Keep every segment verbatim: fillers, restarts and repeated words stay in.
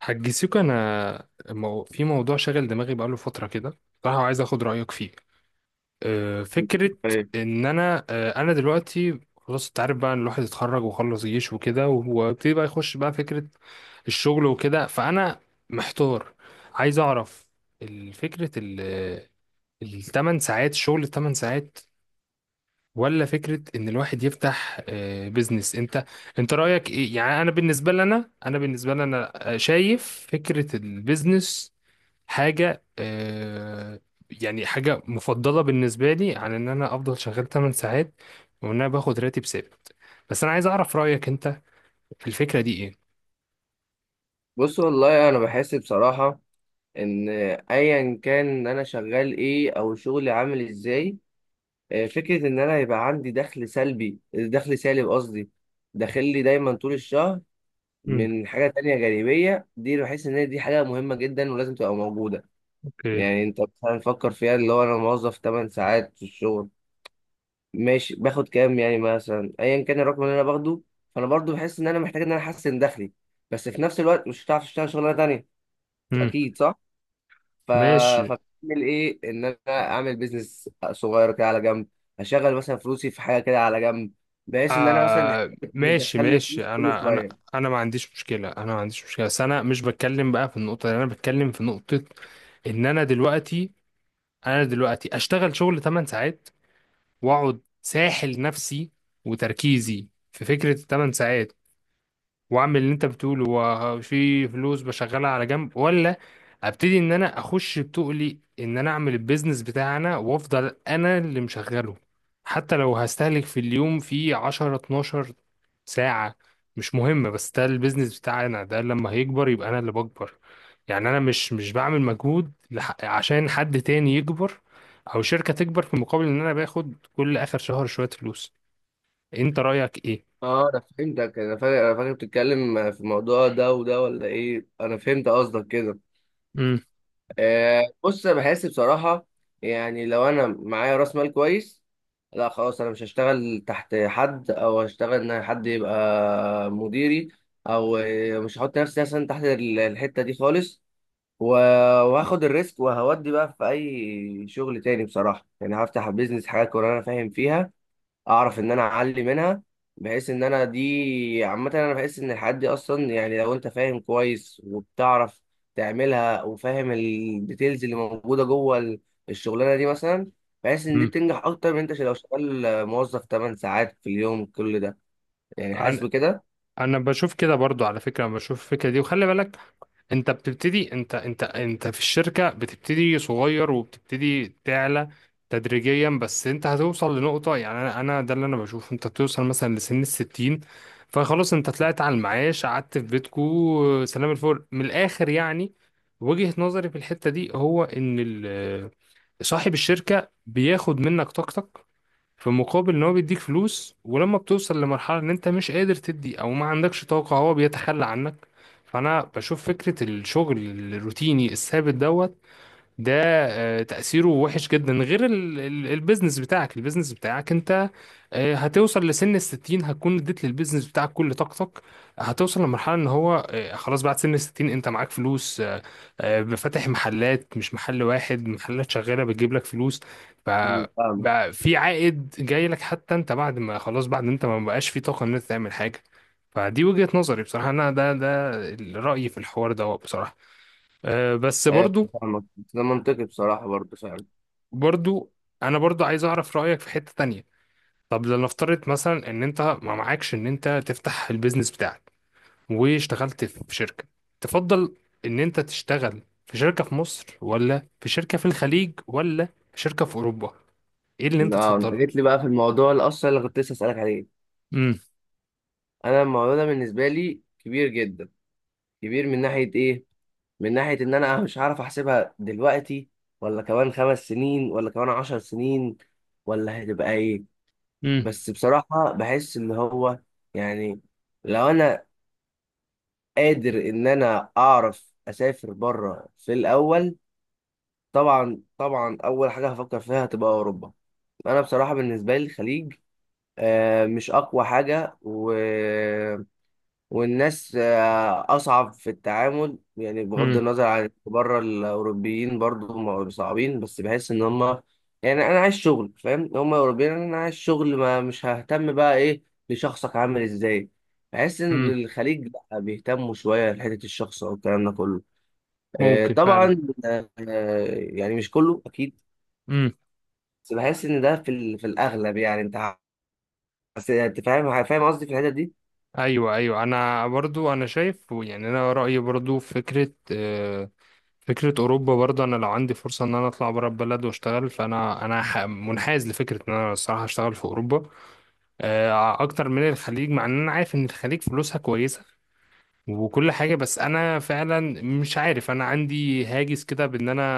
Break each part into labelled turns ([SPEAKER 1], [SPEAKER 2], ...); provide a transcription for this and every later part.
[SPEAKER 1] حاج سيكو انا مو... في موضوع شاغل دماغي بقاله فتره كده بصراحه وعايز اخد رايك فيه. أه، فكره
[SPEAKER 2] طيب،
[SPEAKER 1] ان انا أه، انا دلوقتي خلاص، انت عارف بقى ان الواحد اتخرج وخلص جيش وكده وابتدي بقى يخش بقى فكره الشغل وكده. فانا محتار، عايز اعرف الفكره ال الثمان ساعات شغل الثمان ساعات، ولا فكرة ان الواحد يفتح آه، بيزنس. انت انت رأيك ايه؟ يعني انا بالنسبة لنا، انا بالنسبة لنا آه، شايف فكرة البيزنس حاجة آه، يعني حاجة مفضلة بالنسبة لي عن ان انا افضل شغال ثماني ساعات وان انا باخد راتب ثابت. بس انا عايز اعرف رأيك انت في الفكرة دي ايه.
[SPEAKER 2] بص والله انا بحس بصراحه ان ايا كان ان انا شغال ايه او شغلي عامل ازاي. آه، فكره ان انا يبقى عندي دخل سلبي، دخل سالب قصدي، داخل لي دايما طول الشهر
[SPEAKER 1] مم.
[SPEAKER 2] من حاجه تانية جانبيه، دي بحس ان هي دي حاجه مهمه جدا ولازم تبقى موجوده.
[SPEAKER 1] اوكي.
[SPEAKER 2] يعني انت مثلا فكر فيها، اللي هو انا موظف 8 ساعات في الشغل، ماشي باخد كام يعني مثلا، ايا كان الرقم اللي انا باخده، فانا برضو بحس ان انا محتاج ان انا احسن دخلي، بس في نفس الوقت مش هتعرف تشتغل شغلانه تانية،
[SPEAKER 1] امم،
[SPEAKER 2] اكيد صح. ف
[SPEAKER 1] ماشي.
[SPEAKER 2] فبعمل ايه؟ ان انا اعمل بيزنس صغير كده على جنب، اشغل مثلا فلوسي في حاجه كده على جنب، بحيث ان انا مثلا دي
[SPEAKER 1] آه
[SPEAKER 2] حاجة
[SPEAKER 1] ماشي
[SPEAKER 2] بتدخل لي فلوس
[SPEAKER 1] ماشي.
[SPEAKER 2] كل
[SPEAKER 1] انا انا
[SPEAKER 2] شويه.
[SPEAKER 1] انا ما عنديش مشكله، انا ما عنديش مشكله بس انا مش بتكلم بقى في النقطه دي، انا بتكلم في نقطه ان انا دلوقتي انا دلوقتي اشتغل شغل ثماني ساعات واقعد ساحل نفسي وتركيزي في فكره ثماني ساعات، واعمل اللي انت بتقوله وفي فلوس بشغلها على جنب، ولا ابتدي ان انا اخش بتقلي ان انا اعمل البيزنس بتاعنا وافضل انا اللي مشغله. حتى لو هستهلك في اليوم في عشر اتناشر ساعة، مش مهمة، بس ده البيزنس بتاعنا. ده لما هيكبر يبقى انا اللي بكبر، يعني انا مش مش بعمل مجهود لح- عشان حد تاني يكبر او شركة تكبر في مقابل ان انا باخد كل اخر شهر شوية فلوس. انت رأيك ايه؟
[SPEAKER 2] اه انا فهمتك، انا فاكر انا فاكر بتتكلم في الموضوع ده، وده ولا ايه؟ انا فهمت قصدك كده. آه، بص انا بحس بصراحه، يعني لو انا معايا راس مال كويس، لا خلاص انا مش هشتغل تحت حد او هشتغل ان حد يبقى مديري، او آه، مش هحط نفسي مثلا تحت ال- الحته دي خالص. و- وهاخد الريسك وهودي بقى في اي شغل تاني، بصراحه يعني هفتح بيزنس حاجات وانا فاهم فيها، اعرف ان انا اعلي منها، بحيث ان انا دي عامه. انا بحس ان الحاجات دي اصلا، يعني لو انت فاهم كويس وبتعرف تعملها وفاهم الديتيلز اللي موجوده جوه ال- الشغلانه دي مثلا، بحس ان دي
[SPEAKER 1] امم.
[SPEAKER 2] بتنجح اكتر من انت لو شغال موظف 8 ساعات في اليوم، كل ده يعني حاسس بكده.
[SPEAKER 1] انا بشوف كده برضو على فكره، أنا بشوف الفكره دي. وخلي بالك انت بتبتدي، انت انت انت في الشركه بتبتدي صغير وبتبتدي تعلى تدريجيا، بس انت هتوصل لنقطه، يعني انا انا ده اللي انا بشوفه، انت بتوصل مثلا لسن الستين فخلاص انت طلعت على المعاش قعدت في بيتكو سلام الفل من الاخر يعني. وجهه نظري في الحته دي هو ان ال- صاحب الشركه بياخد منك طاقتك في مقابل ان هو بيديك فلوس، ولما بتوصل لمرحلة ان انت مش قادر تدي او ما عندكش طاقة هو بيتخلى عنك. فانا بشوف فكرة الشغل الروتيني الثابت دوت ده آه، تأثيره وحش جدا. غير ال- ال- البيزنس بتاعك، البيزنس بتاعك انت آه، هتوصل لسن الستين هتكون اديت للبيزنس بتاعك كل طاقتك، هتوصل لمرحلة ان هو آه، خلاص بعد سن الستين انت معاك فلوس، آه، آه، فاتح محلات، مش محل واحد، محلات شغالة بتجيب لك فلوس. ف
[SPEAKER 2] مم، فاهمك.
[SPEAKER 1] بقى في عائد جاي لك حتى انت بعد ما خلاص بعد انت ما بقاش في طاقة ان انت تعمل حاجة. فدي وجهة نظري بصراحة، انا ده ده رأيي في الحوار ده بصراحة. آه، بس
[SPEAKER 2] ايوه
[SPEAKER 1] برضو،
[SPEAKER 2] فاهمك، بس ده منطقي بصراحه برضه فعلا.
[SPEAKER 1] برضو انا برضو عايز اعرف رايك في حته تانية. طب لنفترض مثلا ان انت ما معكش ان انت تفتح البيزنس بتاعك واشتغلت في شركه، تفضل ان انت تشتغل في شركه في مصر ولا في شركه في الخليج ولا في شركه في اوروبا؟ ايه اللي انت
[SPEAKER 2] لا، انت
[SPEAKER 1] تفضله؟
[SPEAKER 2] جيت لي بقى في الموضوع الاصل اللي كنت لسه اسالك عليه.
[SPEAKER 1] امم.
[SPEAKER 2] انا الموضوع ده بالنسبه لي كبير جدا، كبير من ناحيه ايه؟ من ناحية إن أنا مش عارف أحسبها دلوقتي، ولا كمان خمس سنين، ولا كمان عشر سنين، ولا هتبقى إيه.
[SPEAKER 1] امم.
[SPEAKER 2] بس بصراحة بحس إن هو، يعني لو أنا قادر إن أنا أعرف أسافر بره، في الأول طبعا طبعا أول حاجة هفكر فيها هتبقى أوروبا. أنا بصراحة بالنسبة لي الخليج آه، مش أقوى حاجة، و والناس آه، أصعب في التعامل، يعني بغض
[SPEAKER 1] امم.
[SPEAKER 2] النظر عن إن بره الأوروبيين برضو م- صعبين، بس بحس إن هما، يعني أنا عايز شغل فاهم، هما أوروبيين، أنا عايز شغل ما مش ههتم بقى إيه لشخصك عامل إزاي، بحس إن
[SPEAKER 1] امم.
[SPEAKER 2] الخليج لأ، بيهتموا شوية لحتة الشخص أو الكلام ده كله. آه،
[SPEAKER 1] ممكن فعلا.
[SPEAKER 2] طبعا آه، يعني مش كله أكيد،
[SPEAKER 1] امم.
[SPEAKER 2] بس بحس إن ده في ال- في الأغلب، يعني أنت ح- بس أنت فاهم فاهم قصدي في الحتة دي.
[SPEAKER 1] ايوه ايوه، انا برضو، انا شايف يعني انا رايي برضو في فكره فكرة أوروبا. برضه أنا لو عندي فرصة إن أنا أطلع برا البلد وأشتغل، فأنا أنا ح- منحاز لفكرة إن أنا الصراحة أشتغل في أوروبا آه، أكتر من الخليج، مع إن أنا عارف إن الخليج فلوسها كويسة وكل حاجة. بس أنا فعلا مش عارف، أنا عندي هاجس كده بإن أنا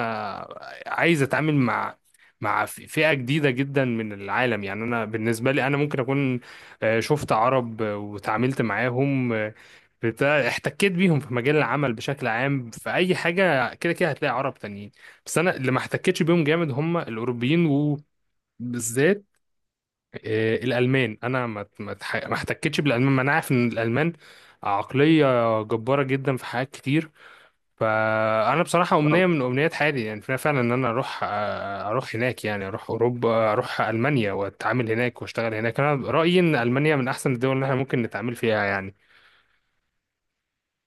[SPEAKER 1] عايز أتعامل مع مع فئة جديدة جدا من العالم. يعني أنا بالنسبة لي أنا ممكن أكون آه، شفت عرب آه، وتعاملت معاهم، آه، بتاع احتكيت بيهم في مجال العمل بشكل عام، في أي حاجة كده كده هتلاقي عرب تانيين. بس أنا اللي ما احتكتش بيهم جامد هم الأوروبيين، وبالذات آه، الالمان. انا ما ما اتح- ما احتكتش بالالمان. ما انا عارف ان الالمان عقليه جباره جدا في حاجات كتير. فانا بصراحه امنيه من امنيات حياتي يعني فعلا ان انا اروح، آه، اروح هناك، يعني اروح اوروبا اروح المانيا واتعامل هناك واشتغل هناك. انا رايي ان المانيا من احسن الدول اللي احنا ممكن نتعامل فيها يعني.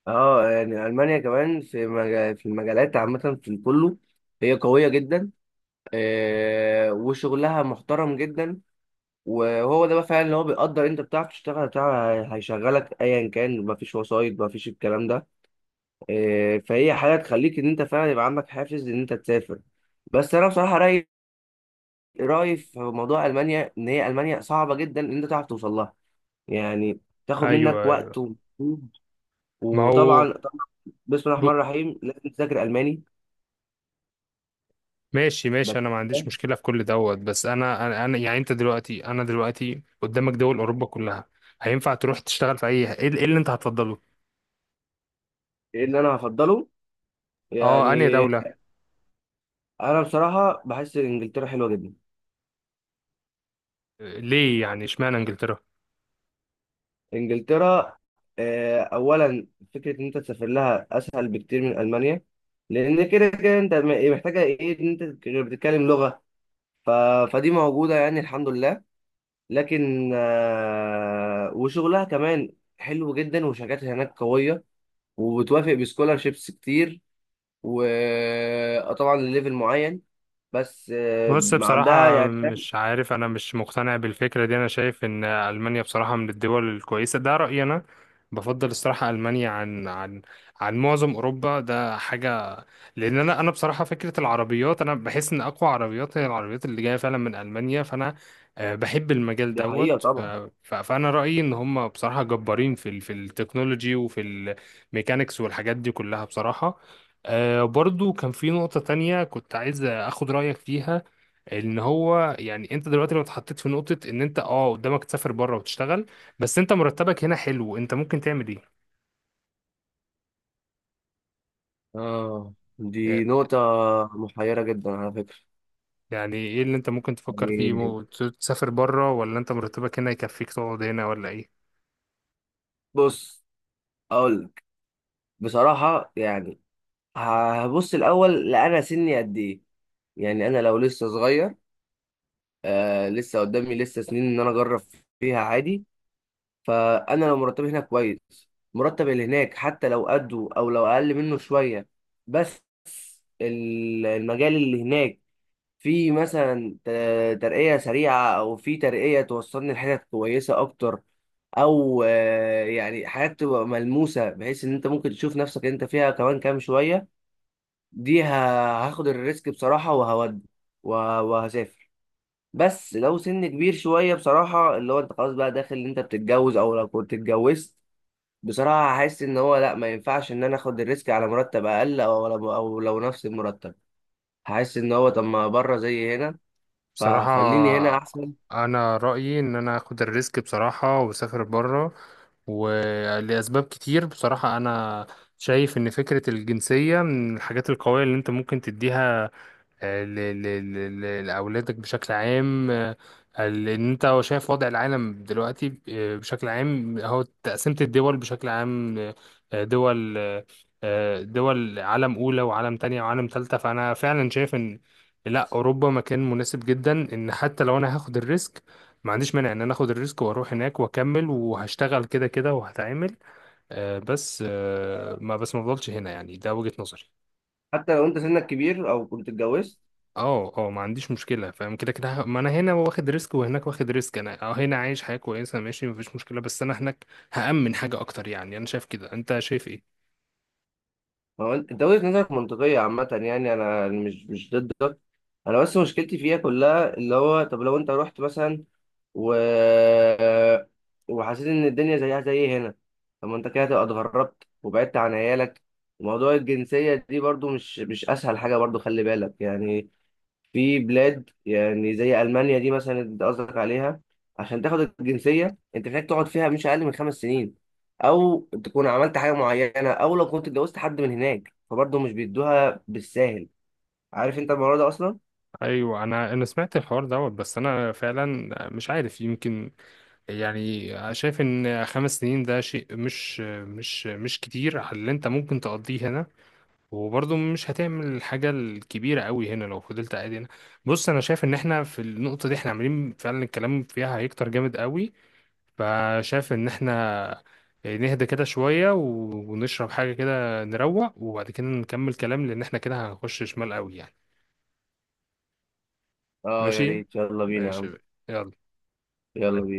[SPEAKER 2] اه يعني المانيا كمان في مجا- في المجالات عامه في كله، هي قويه جدا، آه، وشغلها محترم جدا، وهو ده بقى فعلا اللي هو بيقدر، انت بتعرف تشتغل، بتاع هيشغلك ايا كان، مفيش وسايط مفيش الكلام ده. آه، فهي حاجه تخليك ان انت فعلا يبقى عندك حافز ان انت تسافر. بس انا بصراحه رايي، رايي في موضوع المانيا، ان هي المانيا صعبه جدا ان انت تعرف توصل لها، يعني تاخد منك
[SPEAKER 1] ايوه
[SPEAKER 2] وقت
[SPEAKER 1] ايوه.
[SPEAKER 2] ومجهود.
[SPEAKER 1] ما هو
[SPEAKER 2] وطبعا طبعاً بسم الله
[SPEAKER 1] ب...
[SPEAKER 2] الرحمن الرحيم لازم تذاكر الماني.
[SPEAKER 1] ماشي ماشي،
[SPEAKER 2] بس
[SPEAKER 1] انا ما عنديش مشكله في كل دوت. بس انا انا أنا- يعني انت دلوقتي، انا دلوقتي قدامك دول اوروبا كلها، هينفع تروح تشتغل في اي؟ ايه إيه اللي انت هتفضله؟
[SPEAKER 2] ايه اللي انا هفضله؟ يعني
[SPEAKER 1] اه، انهي دولة؟
[SPEAKER 2] انا بصراحه بحس ان انجلترا حلوه جدا.
[SPEAKER 1] ليه يعني اشمعنى انجلترا؟
[SPEAKER 2] انجلترا، آه، اولا فكره ان انت تسافر لها اسهل بكتير من المانيا، لان كده كده انت م- محتاجه ايه ان انت تك- بتتكلم لغه. ف... فدي موجوده يعني الحمد لله. لكن آه، وشغلها كمان حلو جدا، وشركاتها هناك قويه، وبتوافق بسكولارشيبس كتير، وطبعا لليفل معين، بس آه،
[SPEAKER 1] بص
[SPEAKER 2] عندها
[SPEAKER 1] بصراحة
[SPEAKER 2] يعني.
[SPEAKER 1] مش عارف، أنا مش مقتنع بالفكرة دي. أنا شايف إن ألمانيا بصراحة من الدول الكويسة، ده رأيي أنا. بفضل الصراحة ألمانيا عن عن عن معظم أوروبا. ده حاجة. لأن أنا أنا بصراحة فكرة العربيات، أنا بحس إن أقوى عربيات هي العربيات اللي جاية فعلا من ألمانيا. فأنا آه، بحب المجال
[SPEAKER 2] دي حقيقة
[SPEAKER 1] دوت. ف-
[SPEAKER 2] طبعا.
[SPEAKER 1] ف- فأنا رأيي إن هم بصراحة جبارين في ال- في التكنولوجي وفي الميكانيكس والحاجات دي كلها بصراحة. آه، برضو كان في نقطة تانية كنت عايز أخد رأيك فيها، ان هو يعني انت دلوقتي لو اتحطيت في نقطة ان انت، اه، قدامك تسافر بره وتشتغل، بس انت مرتبك هنا حلو، انت ممكن تعمل ايه؟
[SPEAKER 2] اه دي نقطة محيرة جدا على فكرة.
[SPEAKER 1] يعني ايه اللي انت ممكن تفكر فيه،
[SPEAKER 2] يعني
[SPEAKER 1] مو- تسافر بره ولا انت مرتبك هنا يكفيك تقعد هنا ولا ايه؟
[SPEAKER 2] بص أقول لك بصراحة يعني، هبص الأول لأنا سني قد إيه. يعني أنا لو لسه صغير، آه لسه قدامي لسه سنين إن أنا أجرب فيها عادي، فأنا لو مرتبي هنا كويس، مرتب اللي هناك حتى لو قده أو لو أقل منه شوية، بس ال- المجال اللي هناك في مثلا ت- ترقية سريعة، أو في ترقية توصلني لحتت كويسة أكتر، أو آه، يعني حاجات تبقى ملموسة، بحيث إن أنت ممكن تشوف نفسك أنت فيها كمان كام شوية، دي ه- هاخد الريسك بصراحة وهودي، وه- وهسافر. بس لو سن كبير شوية بصراحة، اللي هو أنت خلاص بقى داخل إن أنت بتتجوز أو لو كنت اتجوزت، بصراحة هحس إن هو لأ، ما ينفعش إن أنا آخد الريسك على مرتب أقل، أو أو لو نفس المرتب، هحس إن هو طب ما بره زي هنا، فخليني هنا
[SPEAKER 1] بصراحة
[SPEAKER 2] احسن.
[SPEAKER 1] انا رأيي ان انا اخد الريسك بصراحة واسافر بره، ولأسباب كتير بصراحة. انا شايف ان فكرة الجنسية من الحاجات القوية اللي انت ممكن تديها آه، ل- ل- ل- ل- لأولادك بشكل عام. آه، ال- إن أنت شايف وضع العالم دلوقتي آه، بشكل عام هو تقسيمة الدول بشكل عام، آه، دول آه، دول عالم أولى وعالم تانية وعالم تالتة. فأنا فعلا شايف إن لا، أوروبا مكان مناسب جدا. إن حتى لو أنا هاخد الريسك، ما عنديش مانع إن أنا آخد الريسك وأروح هناك وأكمل وهشتغل كده كده وهتعامل. آه، بس آه، ما بس ما أفضلش هنا يعني، ده وجهة نظري.
[SPEAKER 2] حتى لو انت سنك كبير او كنت اتجوزت؟
[SPEAKER 1] اه اه، ما عنديش مشكلة، فاهم كده كده ه- ما انا هنا واخد ريسك وهناك واخد ريسك. انا، اه، هنا عايش حياة كويسة ماشي مفيش مشكلة، بس انا هناك هأمن حاجة اكتر يعني. انا شايف كده، انت شايف ايه؟
[SPEAKER 2] هو انت انت وجهة نظرك منطقية عامة، يعني انا مش مش ضدك، انا بس مشكلتي فيها كلها، اللي هو طب لو انت رحت مثلا و وحسيت ان الدنيا زيها زي هنا، طب ما انت كده هتبقى اتغربت وبعدت عن عيالك. وموضوع الجنسية دي برضو مش مش اسهل حاجة برضو، خلي بالك يعني. في بلاد يعني زي ألمانيا دي مثلا اللي انت قصدك عليها، عشان تاخد الجنسية انت محتاج تقعد فيها مش أقل من خمس سنين، أو تكون عملت حاجة معينة، أو لو كنت اتجوزت حد من هناك فبرضه مش بيدوها بالساهل. عارف انت الموضوع ده أصلا؟
[SPEAKER 1] ايوه، انا انا سمعت الحوار دوت، بس انا فعلا مش عارف. يمكن يعني شايف ان خمس سنين ده شيء مش مش مش كتير على اللي انت ممكن تقضيه هنا، وبرضه مش هتعمل الحاجة الكبيرة قوي هنا لو فضلت قاعد هنا. بص انا شايف ان احنا في النقطة دي احنا عاملين فعلا، الكلام فيها هيكتر جامد قوي. فشايف ان احنا يعني نهدى كده شوية و- ونشرب حاجة كده نروق وبعد كده نكمل كلام، لان احنا كده هنخش شمال قوي يعني.
[SPEAKER 2] اه يا
[SPEAKER 1] ماشي
[SPEAKER 2] ريت، يلا بينا يا عم.
[SPEAKER 1] ماشي. يلا.
[SPEAKER 2] يلا بينا.